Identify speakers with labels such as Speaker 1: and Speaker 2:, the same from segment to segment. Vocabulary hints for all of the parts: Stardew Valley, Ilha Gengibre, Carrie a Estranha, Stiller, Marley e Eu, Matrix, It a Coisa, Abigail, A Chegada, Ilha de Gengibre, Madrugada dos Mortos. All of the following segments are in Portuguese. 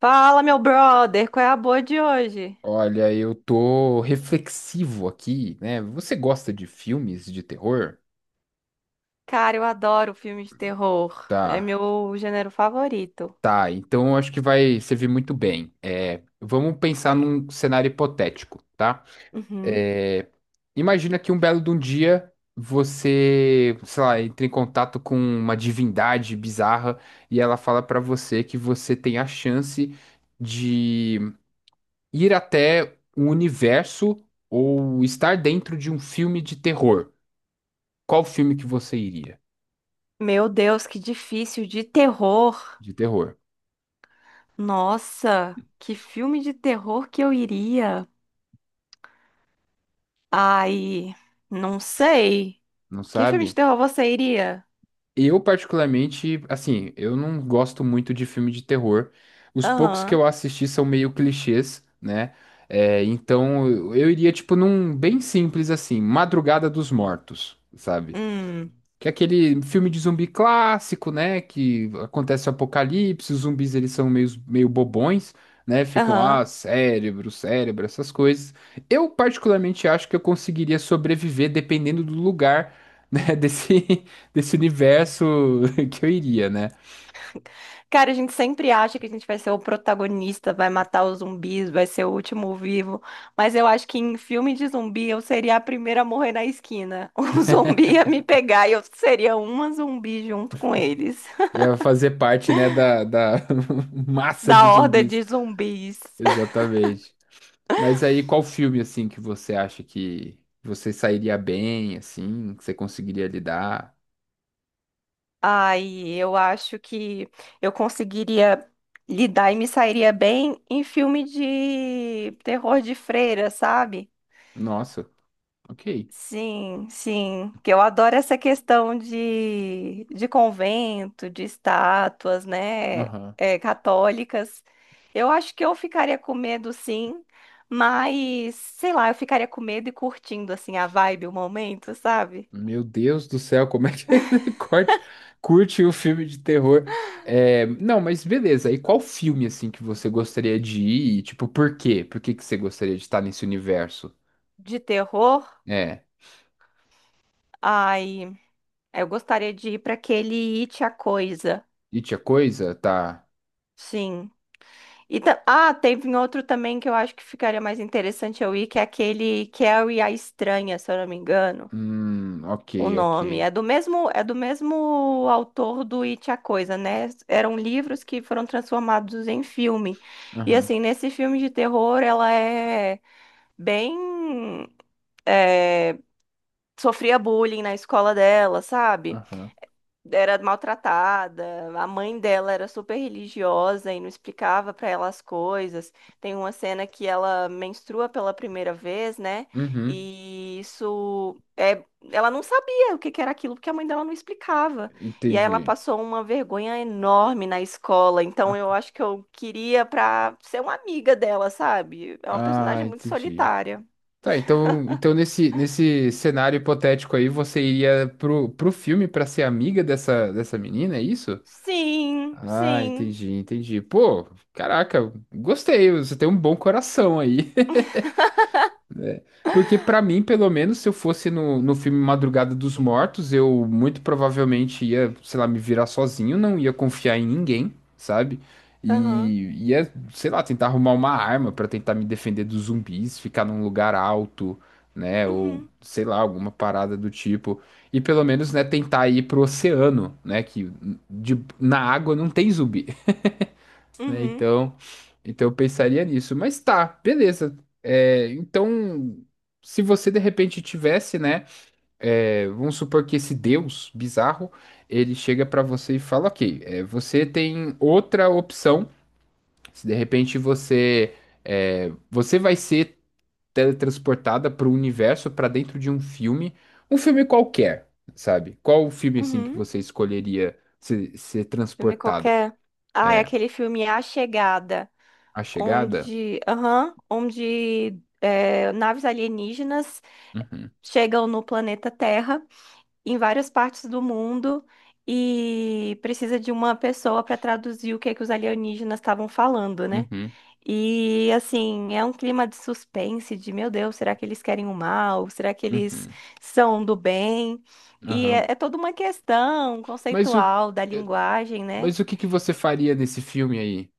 Speaker 1: Fala, meu brother, qual é a boa de hoje?
Speaker 2: Olha, eu tô reflexivo aqui, né? Você gosta de filmes de terror?
Speaker 1: Cara, eu adoro filmes de terror. É
Speaker 2: Tá,
Speaker 1: meu gênero favorito.
Speaker 2: tá. Então eu acho que vai servir muito bem. É, vamos pensar num cenário hipotético, tá?
Speaker 1: Uhum.
Speaker 2: É, imagina que um belo de um dia você, sei lá, entra em contato com uma divindade bizarra e ela fala pra você que você tem a chance de ir até um universo ou estar dentro de um filme de terror. Qual filme que você iria
Speaker 1: Meu Deus, que difícil de terror.
Speaker 2: de terror?
Speaker 1: Nossa, que filme de terror que eu iria? Ai, não sei.
Speaker 2: Não
Speaker 1: Que filme de
Speaker 2: sabe?
Speaker 1: terror você iria?
Speaker 2: Eu, particularmente, assim, eu não gosto muito de filme de terror. Os poucos que
Speaker 1: Aham.
Speaker 2: eu assisti são meio clichês, né? É, então eu iria, tipo, num bem simples assim, Madrugada dos Mortos, sabe?
Speaker 1: Hum.
Speaker 2: Que é aquele filme de zumbi clássico, né? Que acontece o apocalipse, os zumbis eles são meio bobões, né? Ficam, ah,
Speaker 1: Aham.
Speaker 2: cérebro, cérebro, essas coisas. Eu particularmente acho que eu conseguiria sobreviver dependendo do lugar, né? Desse universo que eu iria, né?
Speaker 1: Cara, a gente sempre acha que a gente vai ser o protagonista, vai matar os zumbis, vai ser o último vivo. Mas eu acho que em filme de zumbi eu seria a primeira a morrer na esquina. Um zumbi ia me pegar e eu seria uma zumbi junto com eles.
Speaker 2: Ia fazer parte, né, da massa
Speaker 1: Da
Speaker 2: de
Speaker 1: horda
Speaker 2: zumbis.
Speaker 1: de zumbis.
Speaker 2: Exatamente. Mas aí, qual filme, assim, que você acha que você sairia bem, assim, que você conseguiria lidar?
Speaker 1: Ai, eu acho que eu conseguiria lidar e me sairia bem em filme de terror de freira, sabe?
Speaker 2: Nossa, ok.
Speaker 1: Sim, sim, que eu adoro essa questão de convento, de estátuas, né,
Speaker 2: Aham.
Speaker 1: católicas. Eu acho que eu ficaria com medo, sim, mas sei lá, eu ficaria com medo e curtindo assim a vibe, o momento, sabe?
Speaker 2: Meu Deus do céu, como é que curte o filme de terror? É, não, mas beleza. E qual filme assim que você gostaria de ir? E, tipo, por quê? Por que que você gostaria de estar nesse universo?
Speaker 1: De terror.
Speaker 2: É.
Speaker 1: Ai, eu gostaria de ir para aquele It a Coisa.
Speaker 2: E tinha coisa? Tá.
Speaker 1: Sim. Teve um outro também que eu acho que ficaria mais interessante eu ir, que é aquele Carrie a Estranha, se eu não me engano.
Speaker 2: Ok,
Speaker 1: O
Speaker 2: ok.
Speaker 1: nome é do mesmo autor do It a Coisa, né? Eram livros que foram transformados em filme. E
Speaker 2: Aham,
Speaker 1: assim, nesse filme de terror, ela é bem é, sofria bullying na escola dela, sabe?
Speaker 2: aham.
Speaker 1: Era maltratada, a mãe dela era super religiosa e não explicava pra ela as coisas. Tem uma cena que ela menstrua pela primeira vez, né?
Speaker 2: Uhum,
Speaker 1: E isso é, ela não sabia o que que era aquilo porque a mãe dela não explicava. E aí ela
Speaker 2: entendi.
Speaker 1: passou uma vergonha enorme na escola. Então
Speaker 2: Ah,
Speaker 1: eu acho que eu queria pra ser uma amiga dela, sabe? É uma
Speaker 2: ah,
Speaker 1: personagem muito
Speaker 2: entendi.
Speaker 1: solitária.
Speaker 2: Tá, então, nesse cenário hipotético aí, você iria pro filme pra ser amiga dessa menina, é isso?
Speaker 1: Sim,
Speaker 2: Ah,
Speaker 1: sim.
Speaker 2: entendi, entendi. Pô, caraca, gostei, você tem um bom coração aí. Porque pra mim, pelo menos, se eu fosse no filme Madrugada dos Mortos, eu muito provavelmente ia, sei lá, me virar sozinho, não ia confiar em ninguém, sabe?
Speaker 1: Aham.
Speaker 2: E ia, sei lá, tentar arrumar uma arma pra tentar me defender dos zumbis, ficar num lugar alto, né? Ou
Speaker 1: Uhum,
Speaker 2: sei lá, alguma parada do tipo. E pelo menos, né, tentar ir pro oceano, né? Na água não tem zumbi, né?
Speaker 1: uhum,
Speaker 2: Então, eu pensaria nisso. Mas tá, beleza. É, então, se você de repente tivesse, né? É, vamos supor que esse Deus bizarro, ele chega pra você e fala, ok, é, você tem outra opção. Se de repente você vai ser teletransportada para o universo, para dentro de um filme qualquer, sabe? Qual o filme assim que
Speaker 1: uhum.
Speaker 2: você escolheria ser
Speaker 1: Filme
Speaker 2: transportada?
Speaker 1: qualquer. Ah, é
Speaker 2: É,
Speaker 1: aquele filme A Chegada,
Speaker 2: A Chegada?
Speaker 1: onde, aham, onde é, naves alienígenas
Speaker 2: Uhum.
Speaker 1: chegam no planeta Terra, em várias partes do mundo, e precisa de uma pessoa para traduzir o que é que os alienígenas estavam falando, né?
Speaker 2: Uhum.
Speaker 1: E assim, é um clima de suspense, de meu Deus, será que eles querem o mal? Será que eles
Speaker 2: Uhum,
Speaker 1: são do bem? E é,
Speaker 2: aham.
Speaker 1: é toda uma questão
Speaker 2: Mas o,
Speaker 1: conceitual da
Speaker 2: eh,
Speaker 1: linguagem, né?
Speaker 2: mas o que que você faria nesse filme aí?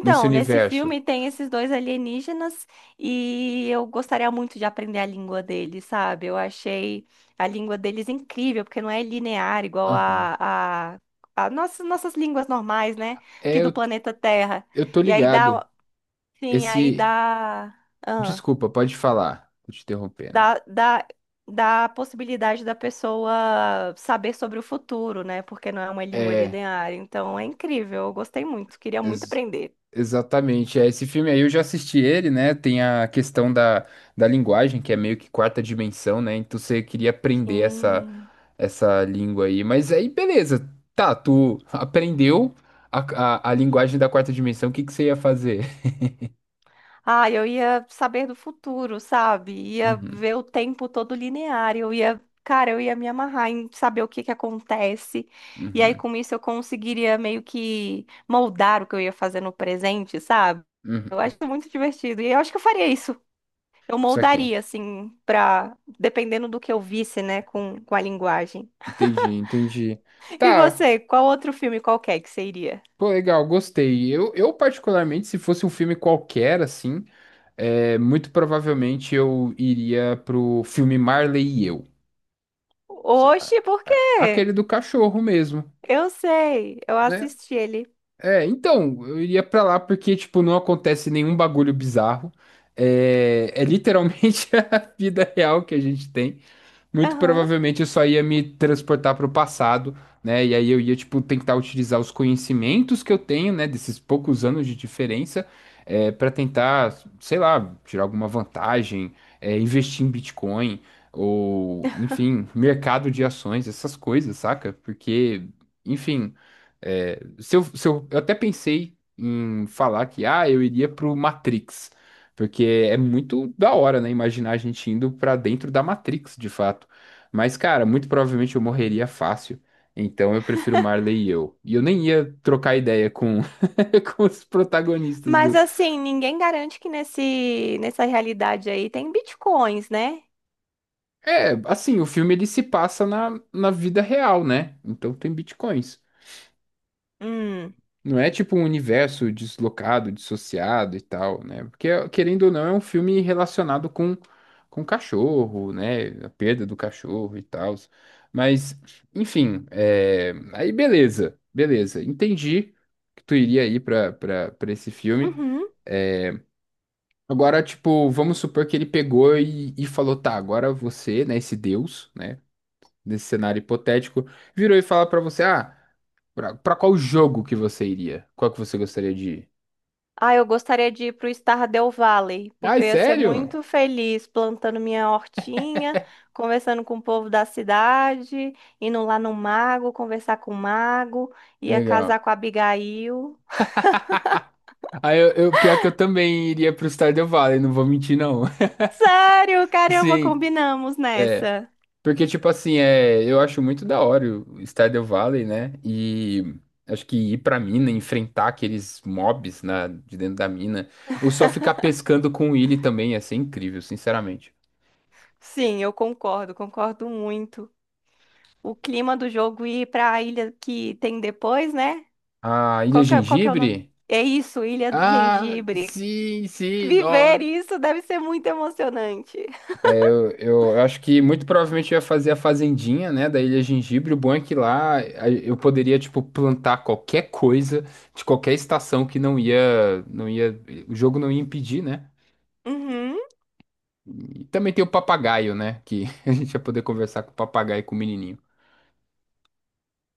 Speaker 2: Nesse
Speaker 1: nesse
Speaker 2: universo?
Speaker 1: filme tem esses dois alienígenas e eu gostaria muito de aprender a língua deles, sabe? Eu achei a língua deles incrível, porque não é linear igual
Speaker 2: Aham.
Speaker 1: a nossas línguas normais, né? Aqui
Speaker 2: É,
Speaker 1: do planeta Terra.
Speaker 2: eu tô
Speaker 1: E aí
Speaker 2: ligado.
Speaker 1: dá, sim, aí
Speaker 2: Esse.
Speaker 1: dá, ah,
Speaker 2: Desculpa, pode falar. Tô te interrompendo.
Speaker 1: dá, dá, dá a possibilidade da pessoa saber sobre o futuro, né? Porque não é uma língua
Speaker 2: É,
Speaker 1: linear. Então é incrível, eu gostei muito, queria muito
Speaker 2: ex-
Speaker 1: aprender.
Speaker 2: exatamente. É, esse filme aí eu já assisti ele, né? Tem a questão da linguagem, que é meio que quarta dimensão, né? Então você queria aprender
Speaker 1: Sim.
Speaker 2: essa língua aí. Mas aí, beleza. Tá, tu aprendeu a, a linguagem da quarta dimensão, o que que você ia fazer?
Speaker 1: Ah, eu ia saber do futuro, sabe? Ia
Speaker 2: Uhum.
Speaker 1: ver o tempo todo linear. Eu ia, cara, eu ia me amarrar em saber o que que acontece. E aí,
Speaker 2: Uhum,
Speaker 1: com isso, eu conseguiria meio que moldar o que eu ia fazer no presente, sabe? Eu
Speaker 2: uhum.
Speaker 1: acho muito divertido. E eu acho que eu faria isso. Eu
Speaker 2: Isso aqui.
Speaker 1: moldaria, assim, pra. Dependendo do que eu visse, né, com a linguagem.
Speaker 2: Entendi, entendi.
Speaker 1: E
Speaker 2: Tá,
Speaker 1: você, qual outro filme qualquer que você iria?
Speaker 2: pô, legal, gostei. Eu particularmente, se fosse um filme qualquer, assim, é, muito provavelmente eu iria pro filme Marley e Eu. A-
Speaker 1: Oxe, por quê?
Speaker 2: Aquele do cachorro mesmo,
Speaker 1: Eu sei, eu
Speaker 2: né?
Speaker 1: assisti ele.
Speaker 2: É, então, eu iria pra lá porque, tipo, não acontece nenhum bagulho bizarro. É literalmente a vida real que a gente tem. Muito
Speaker 1: Aham.
Speaker 2: provavelmente eu só ia me transportar para o passado, né? E aí eu ia, tipo, tentar utilizar os conhecimentos que eu tenho, né, desses poucos anos de diferença, para tentar, sei lá, tirar alguma vantagem, é, investir em Bitcoin, ou, enfim, mercado de ações, essas coisas, saca? Porque, enfim, é, se eu, se eu, eu até pensei em falar que, ah, eu iria pro Matrix. Porque é muito da hora, né? Imaginar a gente indo pra dentro da Matrix, de fato. Mas, cara, muito provavelmente eu morreria fácil. Então eu prefiro Marley e eu. E eu nem ia trocar ideia com os protagonistas
Speaker 1: Mas
Speaker 2: do.
Speaker 1: assim, ninguém garante que nessa realidade aí tem bitcoins, né?
Speaker 2: É, assim, o filme ele se passa na vida real, né? Então tem bitcoins.
Speaker 1: Hum.
Speaker 2: Não é tipo um universo deslocado, dissociado e tal, né? Porque, querendo ou não, é um filme relacionado com cachorro, né? A perda do cachorro e tal. Mas, enfim, é, aí beleza, beleza. Entendi que tu iria ir pra esse filme.
Speaker 1: Uhum.
Speaker 2: Agora, tipo, vamos supor que ele pegou e falou, tá, agora você, né, esse Deus, né? Nesse cenário hipotético, virou e fala pra você, ah, pra qual jogo que você iria? Qual que você gostaria de ir?
Speaker 1: Ah, eu gostaria de ir pro Stardew Valley,
Speaker 2: Ai,
Speaker 1: porque eu ia ser
Speaker 2: sério?
Speaker 1: muito feliz plantando minha hortinha, conversando com o povo da cidade, indo lá no mago, conversar com o mago, ia
Speaker 2: Legal.
Speaker 1: casar com a Abigail.
Speaker 2: Aí pior que eu também iria pro Stardew Valley, não vou mentir, não.
Speaker 1: Sério, caramba,
Speaker 2: Sim,
Speaker 1: combinamos nessa.
Speaker 2: porque, tipo assim, é, eu acho muito da hora o Stardew Valley, né? E acho que ir pra mina, enfrentar aqueles mobs de dentro da mina, ou só ficar pescando com o Willy também, ia ser incrível, sinceramente.
Speaker 1: Sim, eu concordo, concordo muito. O clima do jogo e ir para a ilha que tem depois, né?
Speaker 2: A Ilha
Speaker 1: Qual que é o nome?
Speaker 2: Gengibre?
Speaker 1: É isso, Ilha de
Speaker 2: Ah,
Speaker 1: Gengibre.
Speaker 2: sim, sim,
Speaker 1: Viver isso deve ser muito emocionante.
Speaker 2: Eu acho que muito provavelmente eu ia fazer a fazendinha, né, da Ilha Gengibre. O bom é que lá eu poderia, tipo, plantar qualquer coisa de qualquer estação que o jogo não ia impedir, né?
Speaker 1: Uhum,
Speaker 2: E também tem o papagaio, né, que a gente ia poder conversar com o papagaio e com o menininho.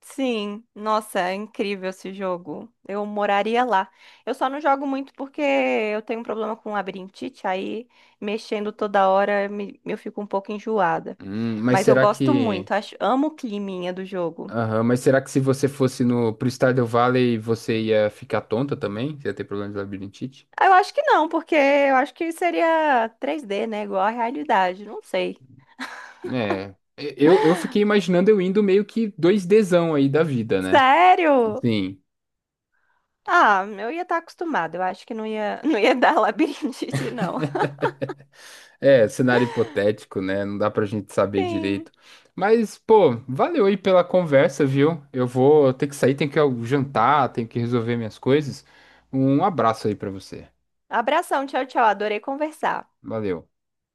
Speaker 1: sim. Nossa, é incrível esse jogo. Eu moraria lá. Eu só não jogo muito porque eu tenho um problema com labirintite, aí mexendo toda hora me- eu fico um pouco enjoada.
Speaker 2: Hum, mas
Speaker 1: Mas eu
Speaker 2: será
Speaker 1: gosto muito,
Speaker 2: que,
Speaker 1: acho, amo o climinha do jogo.
Speaker 2: aham, mas será que se você fosse no pro Stardew Valley você ia ficar tonta também? Você ia ter problema de labirintite?
Speaker 1: Ah, eu acho que não, porque eu acho que seria 3D, né? Igual à realidade, não sei.
Speaker 2: É, eu fiquei imaginando eu indo meio que dois dzão aí da vida, né?
Speaker 1: Sério?
Speaker 2: Sim,
Speaker 1: Ah, eu ia estar acostumada. Eu acho que não ia, não ia dar labirintite, não.
Speaker 2: é cenário hipotético, né? Não dá pra gente saber
Speaker 1: Sim.
Speaker 2: direito. Mas, pô, valeu aí pela conversa, viu? Eu vou ter que sair, tenho que jantar, tenho que resolver minhas coisas. Um abraço aí pra você.
Speaker 1: Abração, tchau, tchau. Adorei conversar.
Speaker 2: Valeu.